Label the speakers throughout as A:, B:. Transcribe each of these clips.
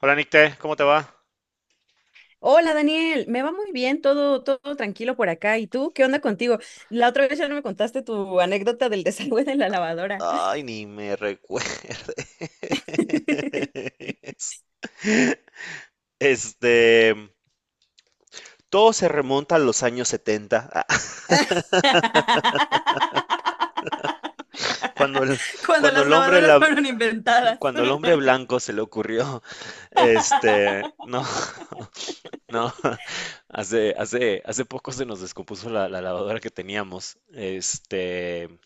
A: Hola Nicte, ¿cómo te va?
B: Hola Daniel, me va muy bien, todo tranquilo por acá. ¿Y tú qué onda contigo? La otra vez ya no me contaste tu anécdota del desagüe de la lavadora.
A: Ay, ni me recuerdes. Este, todo se remonta a los años 70, cuando el,
B: Cuando
A: cuando
B: las
A: el hombre,
B: lavadoras fueron inventadas.
A: cuando el hombre blanco se le ocurrió, este, no, no, Hace poco se nos descompuso la lavadora que teníamos,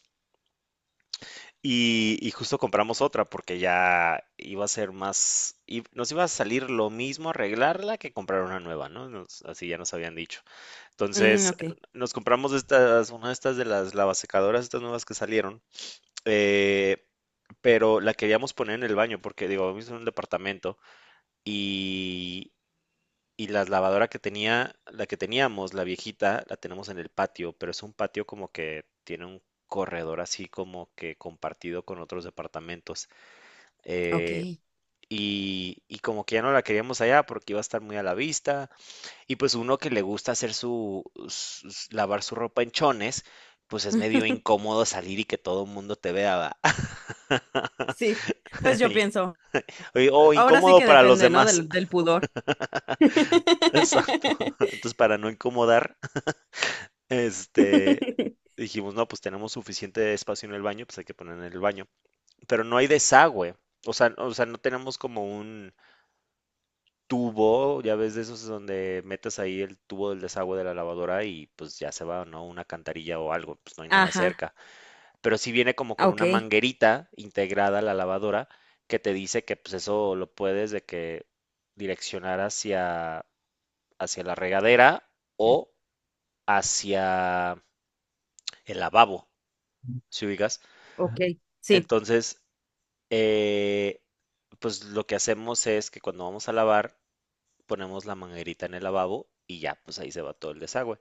A: y justo compramos otra porque ya iba a ser más, y nos iba a salir lo mismo arreglarla que comprar una nueva, ¿no? Nos- así ya nos habían dicho.
B: Mm,
A: Entonces,
B: ok,
A: nos compramos estas, una de estas de las lavasecadoras, estas nuevas que salieron, eh, pero la queríamos poner en el baño porque, digo, vivimos en un departamento y, y la lavadora que tenía, la que teníamos, la viejita, la tenemos en el patio, pero es un patio como que tiene un corredor así como que compartido con otros departamentos
B: ok.
A: eh, y y, como que ya no la queríamos allá porque iba a estar muy a la vista. Y pues uno que le gusta hacer sus- lavar su ropa en chones, pues es medio incómodo salir y que todo el mundo te vea. ¿Va?
B: Sí, pues yo
A: Y-
B: pienso,
A: O
B: ahora sí
A: incómodo
B: que
A: para los
B: depende, ¿no?
A: demás.
B: Del pudor.
A: Exacto. Entonces, para no incomodar, este, dijimos, no, pues tenemos suficiente espacio en el baño, pues hay que poner en el baño. Pero no hay desagüe. O sea, no tenemos como un tubo, ya ves de esos donde metes ahí el tubo del desagüe de la lavadora y pues ya se va, ¿no? Una cantarilla o algo, pues no hay nada
B: Ajá,
A: cerca. Pero sí viene como con una
B: ok,
A: manguerita integrada a la lavadora que te dice que pues eso lo puedes de que direccionar hacia, hacia la regadera o hacia el lavabo, si ubicas.
B: ok. Sí.
A: Entonces, eh, pues lo que hacemos es que cuando vamos a lavar, ponemos la manguerita en el lavabo y ya, pues ahí se va todo el desagüe.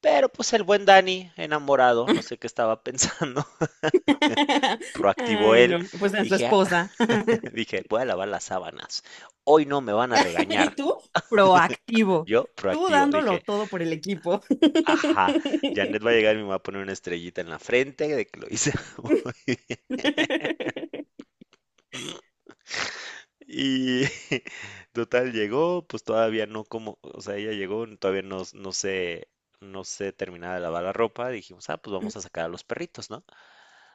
A: Pero pues el buen Dani, enamorado, no sé qué estaba pensando. Proactivo
B: Ay,
A: él,
B: no, pues en su
A: dije, "Ah",
B: esposa.
A: dije, voy a lavar las sábanas. Hoy no me van a
B: ¿Y
A: regañar.
B: tú? Proactivo.
A: Yo,
B: Tú
A: proactivo, dije,
B: dándolo todo por el equipo.
A: ajá, Janet va a llegar y me va a poner una estrellita en la frente de que lo hice muy bien". Y total llegó, pues todavía no como, o sea, ella llegó, todavía no, no se, no se terminaba de lavar la ropa. Dijimos, ah, pues vamos a sacar a los perritos, ¿no?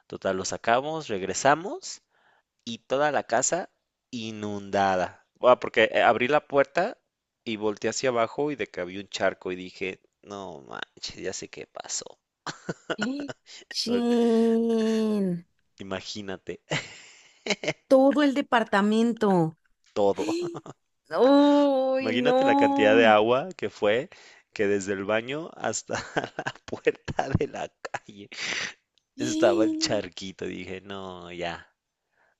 A: Total, los sacamos, regresamos y toda la casa inundada. Ah, porque abrí la puerta y volteé hacia abajo y de que había un charco y dije, no manches, ya sé qué pasó.
B: Chin,
A: Imagínate
B: todo el departamento.
A: todo.
B: ¡Ay,
A: Imagínate la cantidad de
B: no!
A: agua que fue, que desde el baño hasta la puerta de la calle estaba el
B: ¡Ay!
A: charquito. Dije, no, ya,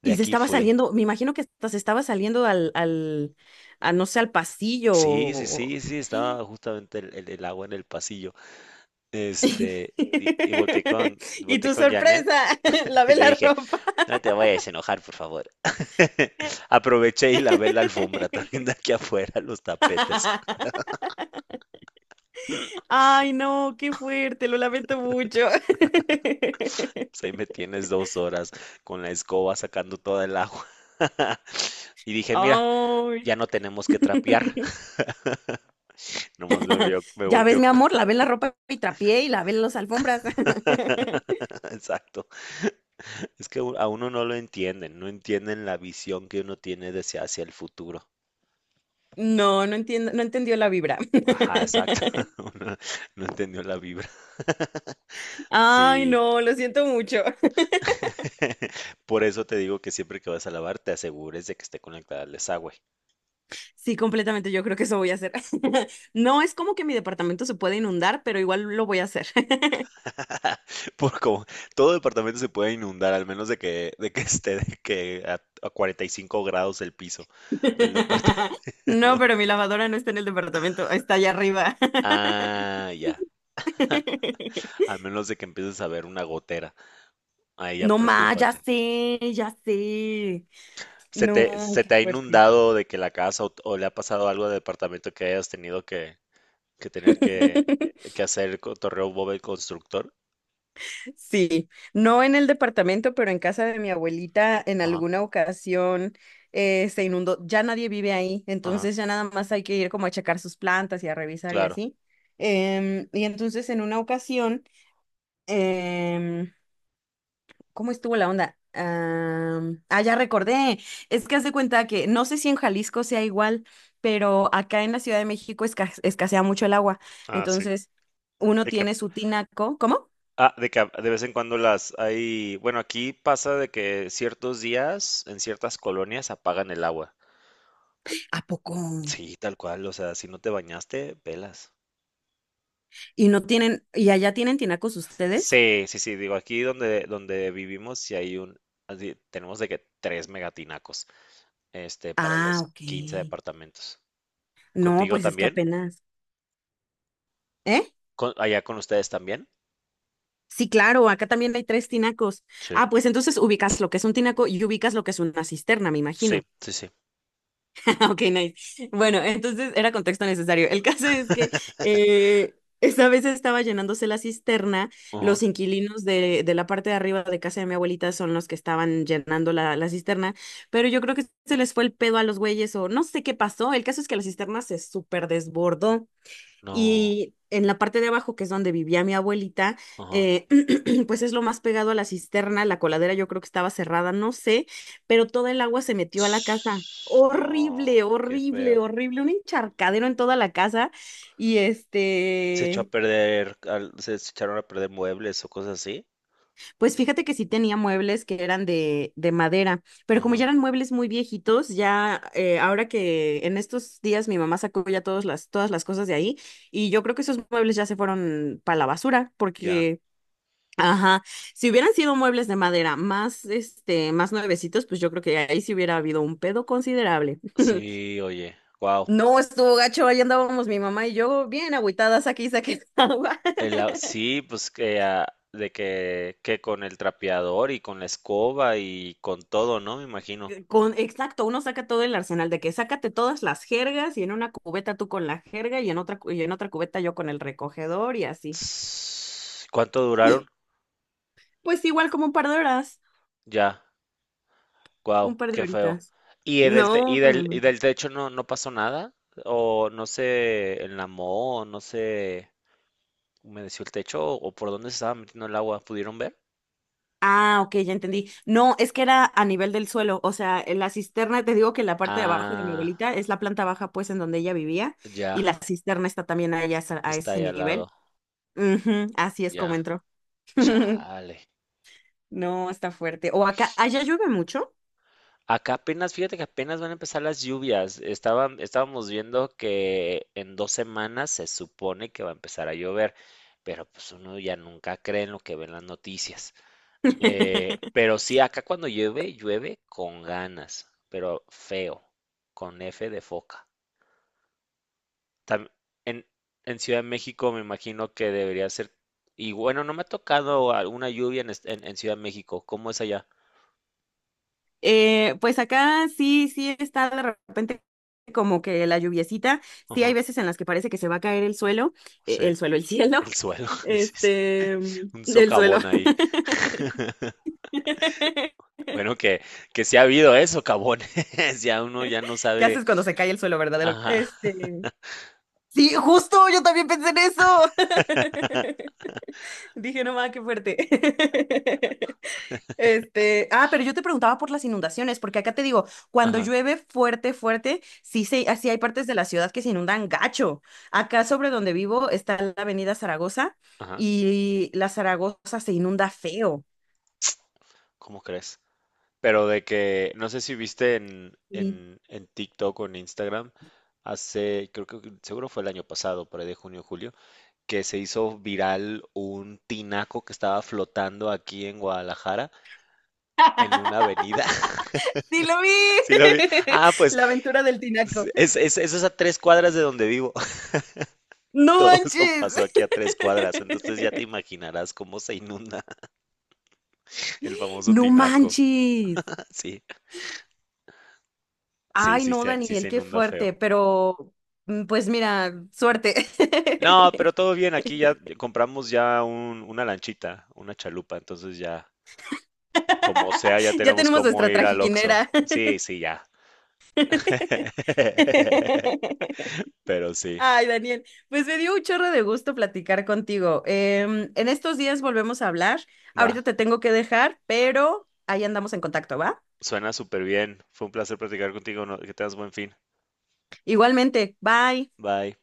A: de
B: Y se
A: aquí
B: estaba
A: fui.
B: saliendo, me imagino que hasta se estaba saliendo a, no sé, al pasillo.
A: Sí, sí, sí, sí, estaba justamente el agua en el pasillo. Y
B: Y
A: volteé
B: tu
A: con Janet.
B: sorpresa,
A: Y
B: lavé
A: le
B: la
A: dije,
B: ropa.
A: no te vayas a enojar, por favor. Aproveché y lavé la alfombra también de aquí afuera, los tapetes.
B: Ay, no, qué fuerte, lo lamento mucho.
A: Pues ahí me tienes dos horas con la escoba sacando toda el agua. Y dije, mira,
B: Ay.
A: ya no tenemos que trapear. Nomás me vio, me
B: Ya ves,
A: volteó.
B: mi amor, lavé la ropa y trapié y lavé las alfombras.
A: Exacto. Es que a uno no lo entienden, no entienden la visión que uno tiene de hacia el futuro.
B: No, no entiendo, no entendió la vibra.
A: Ajá, exacto. Uno no entendió la vibra.
B: Ay,
A: Sí.
B: no, lo siento mucho.
A: Por eso te digo que siempre que vas a lavar, te asegures de que esté conectada al desagüe.
B: Sí, completamente, yo creo que eso voy a hacer. No es como que mi departamento se puede inundar, pero igual lo voy a hacer.
A: Por como todo departamento se puede inundar, al menos de que esté de que a 45 grados el piso del departamento.
B: No, pero mi lavadora no está en el departamento, está allá arriba.
A: Ah, ya. Al menos de que empieces a ver una gotera. Ahí ya
B: No más, ya
A: preocúpate.
B: sé, ya sé.
A: ¿
B: No,
A: se
B: qué
A: te ha
B: fuerte.
A: inundado de que la casa o le ha pasado algo al departamento que hayas tenido que tener que hacer el torreo Bob el constructor?
B: Sí, no en el departamento, pero en casa de mi abuelita en
A: Ajá,
B: alguna ocasión se inundó. Ya nadie vive ahí,
A: ajá,
B: entonces ya nada más hay que ir como a checar sus plantas y a revisar y
A: claro.
B: así. Y entonces en una ocasión, em, ¿Cómo estuvo la onda? Ya recordé. Es que haz de cuenta que no sé si en Jalisco sea igual, pero acá en la Ciudad de México escasea mucho el agua.
A: Ah, sí.
B: Entonces, uno
A: De que
B: tiene su tinaco. ¿Cómo?
A: ah, de que a- de vez en cuando las hay, bueno, aquí pasa de que ciertos días en ciertas colonias apagan el agua.
B: ¿A poco?
A: Sí, tal cual, o sea, si no te bañaste, pelas.
B: Y no tienen, ¿y allá tienen tinacos ustedes?
A: Sí, sí, sí, digo, aquí donde vivimos, si hay un, así, tenemos de que tres megatinacos, para
B: Ah,
A: los
B: ok.
A: quince departamentos.
B: No,
A: ¿Contigo
B: pues es que
A: también?
B: apenas. ¿Eh?
A: ¿Con- allá con ustedes también?
B: Sí, claro, acá también hay tres tinacos.
A: Sí,
B: Ah, pues entonces ubicas lo que es un tinaco y ubicas lo que es una cisterna, me
A: sí,
B: imagino.
A: sí, sí.
B: Ah, ok, nice. Bueno, entonces era contexto necesario. El caso es que eh, esa vez estaba llenándose la cisterna.
A: Ajá.
B: Los inquilinos de la parte de arriba de casa de mi abuelita son los que estaban llenando la cisterna, pero yo creo que se les fue el pedo a los güeyes o no sé qué pasó. El caso es que la cisterna se súper desbordó
A: No,
B: y en la parte de abajo, que es donde vivía mi abuelita,
A: ajá.
B: eh, pues es lo más pegado a la cisterna, la coladera yo creo que estaba cerrada, no sé, pero toda el agua se metió a la casa.
A: Ts- No,
B: Horrible,
A: qué feo.
B: horrible, horrible, un encharcadero en toda la casa. Y
A: Se echó a perder, al- se echaron a perder muebles o cosas así.
B: pues fíjate que sí tenía muebles que eran de madera, pero como
A: Ajá,
B: ya eran muebles muy viejitos, ya ahora que en estos días mi mamá sacó ya todas las cosas de ahí, y yo creo que esos muebles ya se fueron para la basura,
A: ya.
B: porque ajá, si hubieran sido muebles de madera más, más nuevecitos, pues yo creo que ahí sí hubiera habido un pedo considerable.
A: Sí, oye, wow.
B: No, estuvo gacho, ahí andábamos mi mamá y yo bien agüitadas aquí, saqué agua.
A: Sí, pues que ah, de que con el trapeador y con la escoba y con todo, ¿no? Me imagino.
B: Con, exacto, uno saca todo el arsenal de que sácate todas las jergas y en una cubeta tú con la jerga y en otra, y en otra cubeta yo con el recogedor y así.
A: Ss, ¿cuánto duraron?
B: Pues igual como un par de horas,
A: Ya,
B: un
A: wow,
B: par de
A: qué feo.
B: horitas.
A: ¿Y el del te-
B: No, no,
A: y
B: no.
A: del techo no, no pasó nada? ¿O no se enlamó? ¿O no se humedeció el techo? ¿O por dónde se estaba metiendo el agua? ¿Pudieron ver?
B: Ah, ok, ya entendí. No, es que era a nivel del suelo, o sea, en la cisterna, te digo que la parte de abajo de mi
A: Ah,
B: abuelita es la planta baja, pues, en donde ella vivía, y
A: ya.
B: la cisterna está también a, a
A: Está
B: ese
A: ahí al
B: nivel.
A: lado.
B: Ujú, así es como
A: Ya.
B: entró.
A: Chale.
B: No, está fuerte. O acá, allá llueve mucho.
A: Acá apenas, fíjate que apenas van a empezar las lluvias. Estábamos viendo que en dos semanas se supone que va a empezar a llover, pero pues uno ya nunca cree en lo que ven las noticias. Pero sí, acá cuando llueve, llueve con ganas, pero feo, con F de foca. Tam- en, en Ciudad de México me imagino que debería ser, y bueno, no me ha tocado alguna lluvia en, est- en Ciudad de México. ¿Cómo es allá?
B: Pues acá sí, sí está de repente como que la lluviecita. Sí hay veces en las que parece que se va a caer el suelo,
A: Sí,
B: el suelo, el cielo,
A: el suelo, dices,
B: este,
A: un
B: del suelo.
A: socavón ahí. Bueno, que sí ha habido eso, socavones, ya uno ya no
B: ¿Qué
A: sabe,
B: haces cuando se cae el suelo, verdad?
A: ajá,
B: Sí, justo, yo también pensé en eso. Dije, no mames, qué fuerte. Pero yo te preguntaba por las inundaciones, porque acá te digo, cuando
A: ajá,
B: llueve fuerte, fuerte, sí, se, así hay partes de la ciudad que se inundan gacho. Acá sobre donde vivo está la avenida Zaragoza
A: ajá,
B: y la Zaragoza se inunda feo.
A: ¿cómo crees? Pero de que, no sé si viste en,
B: Sí,
A: en TikTok o en Instagram, hace, creo que seguro fue el año pasado, por ahí de junio, julio, que se hizo viral un tinaco que estaba flotando aquí en Guadalajara, en una avenida.
B: sí lo vi.
A: ¿Sí lo vi? Ah, pues
B: La aventura del tinaco.
A: es, es a tres cuadras de donde vivo.
B: No
A: Todo eso pasó
B: manches.
A: aquí a tres cuadras, entonces ya te imaginarás cómo se inunda el famoso
B: No
A: tinaco.
B: manches.
A: Sí,
B: Ay,
A: sí,
B: no,
A: se- sí
B: Daniel,
A: se
B: qué
A: inunda
B: fuerte,
A: feo.
B: pero pues mira, suerte.
A: No, pero todo bien, aquí ya compramos ya un- una lanchita, una chalupa, entonces ya, como sea, ya
B: Ya
A: tenemos
B: tenemos
A: cómo
B: nuestra
A: ir al Oxxo.
B: trajinera.
A: Sí, sí, ya. Pero sí,
B: Ay, Daniel, pues me dio un chorro de gusto platicar contigo. En estos días volvemos a hablar.
A: va,
B: Ahorita te tengo que dejar, pero ahí andamos en contacto, ¿va?
A: suena súper bien. Fue un placer platicar contigo, no- que tengas buen fin.
B: Igualmente, bye.
A: Bye.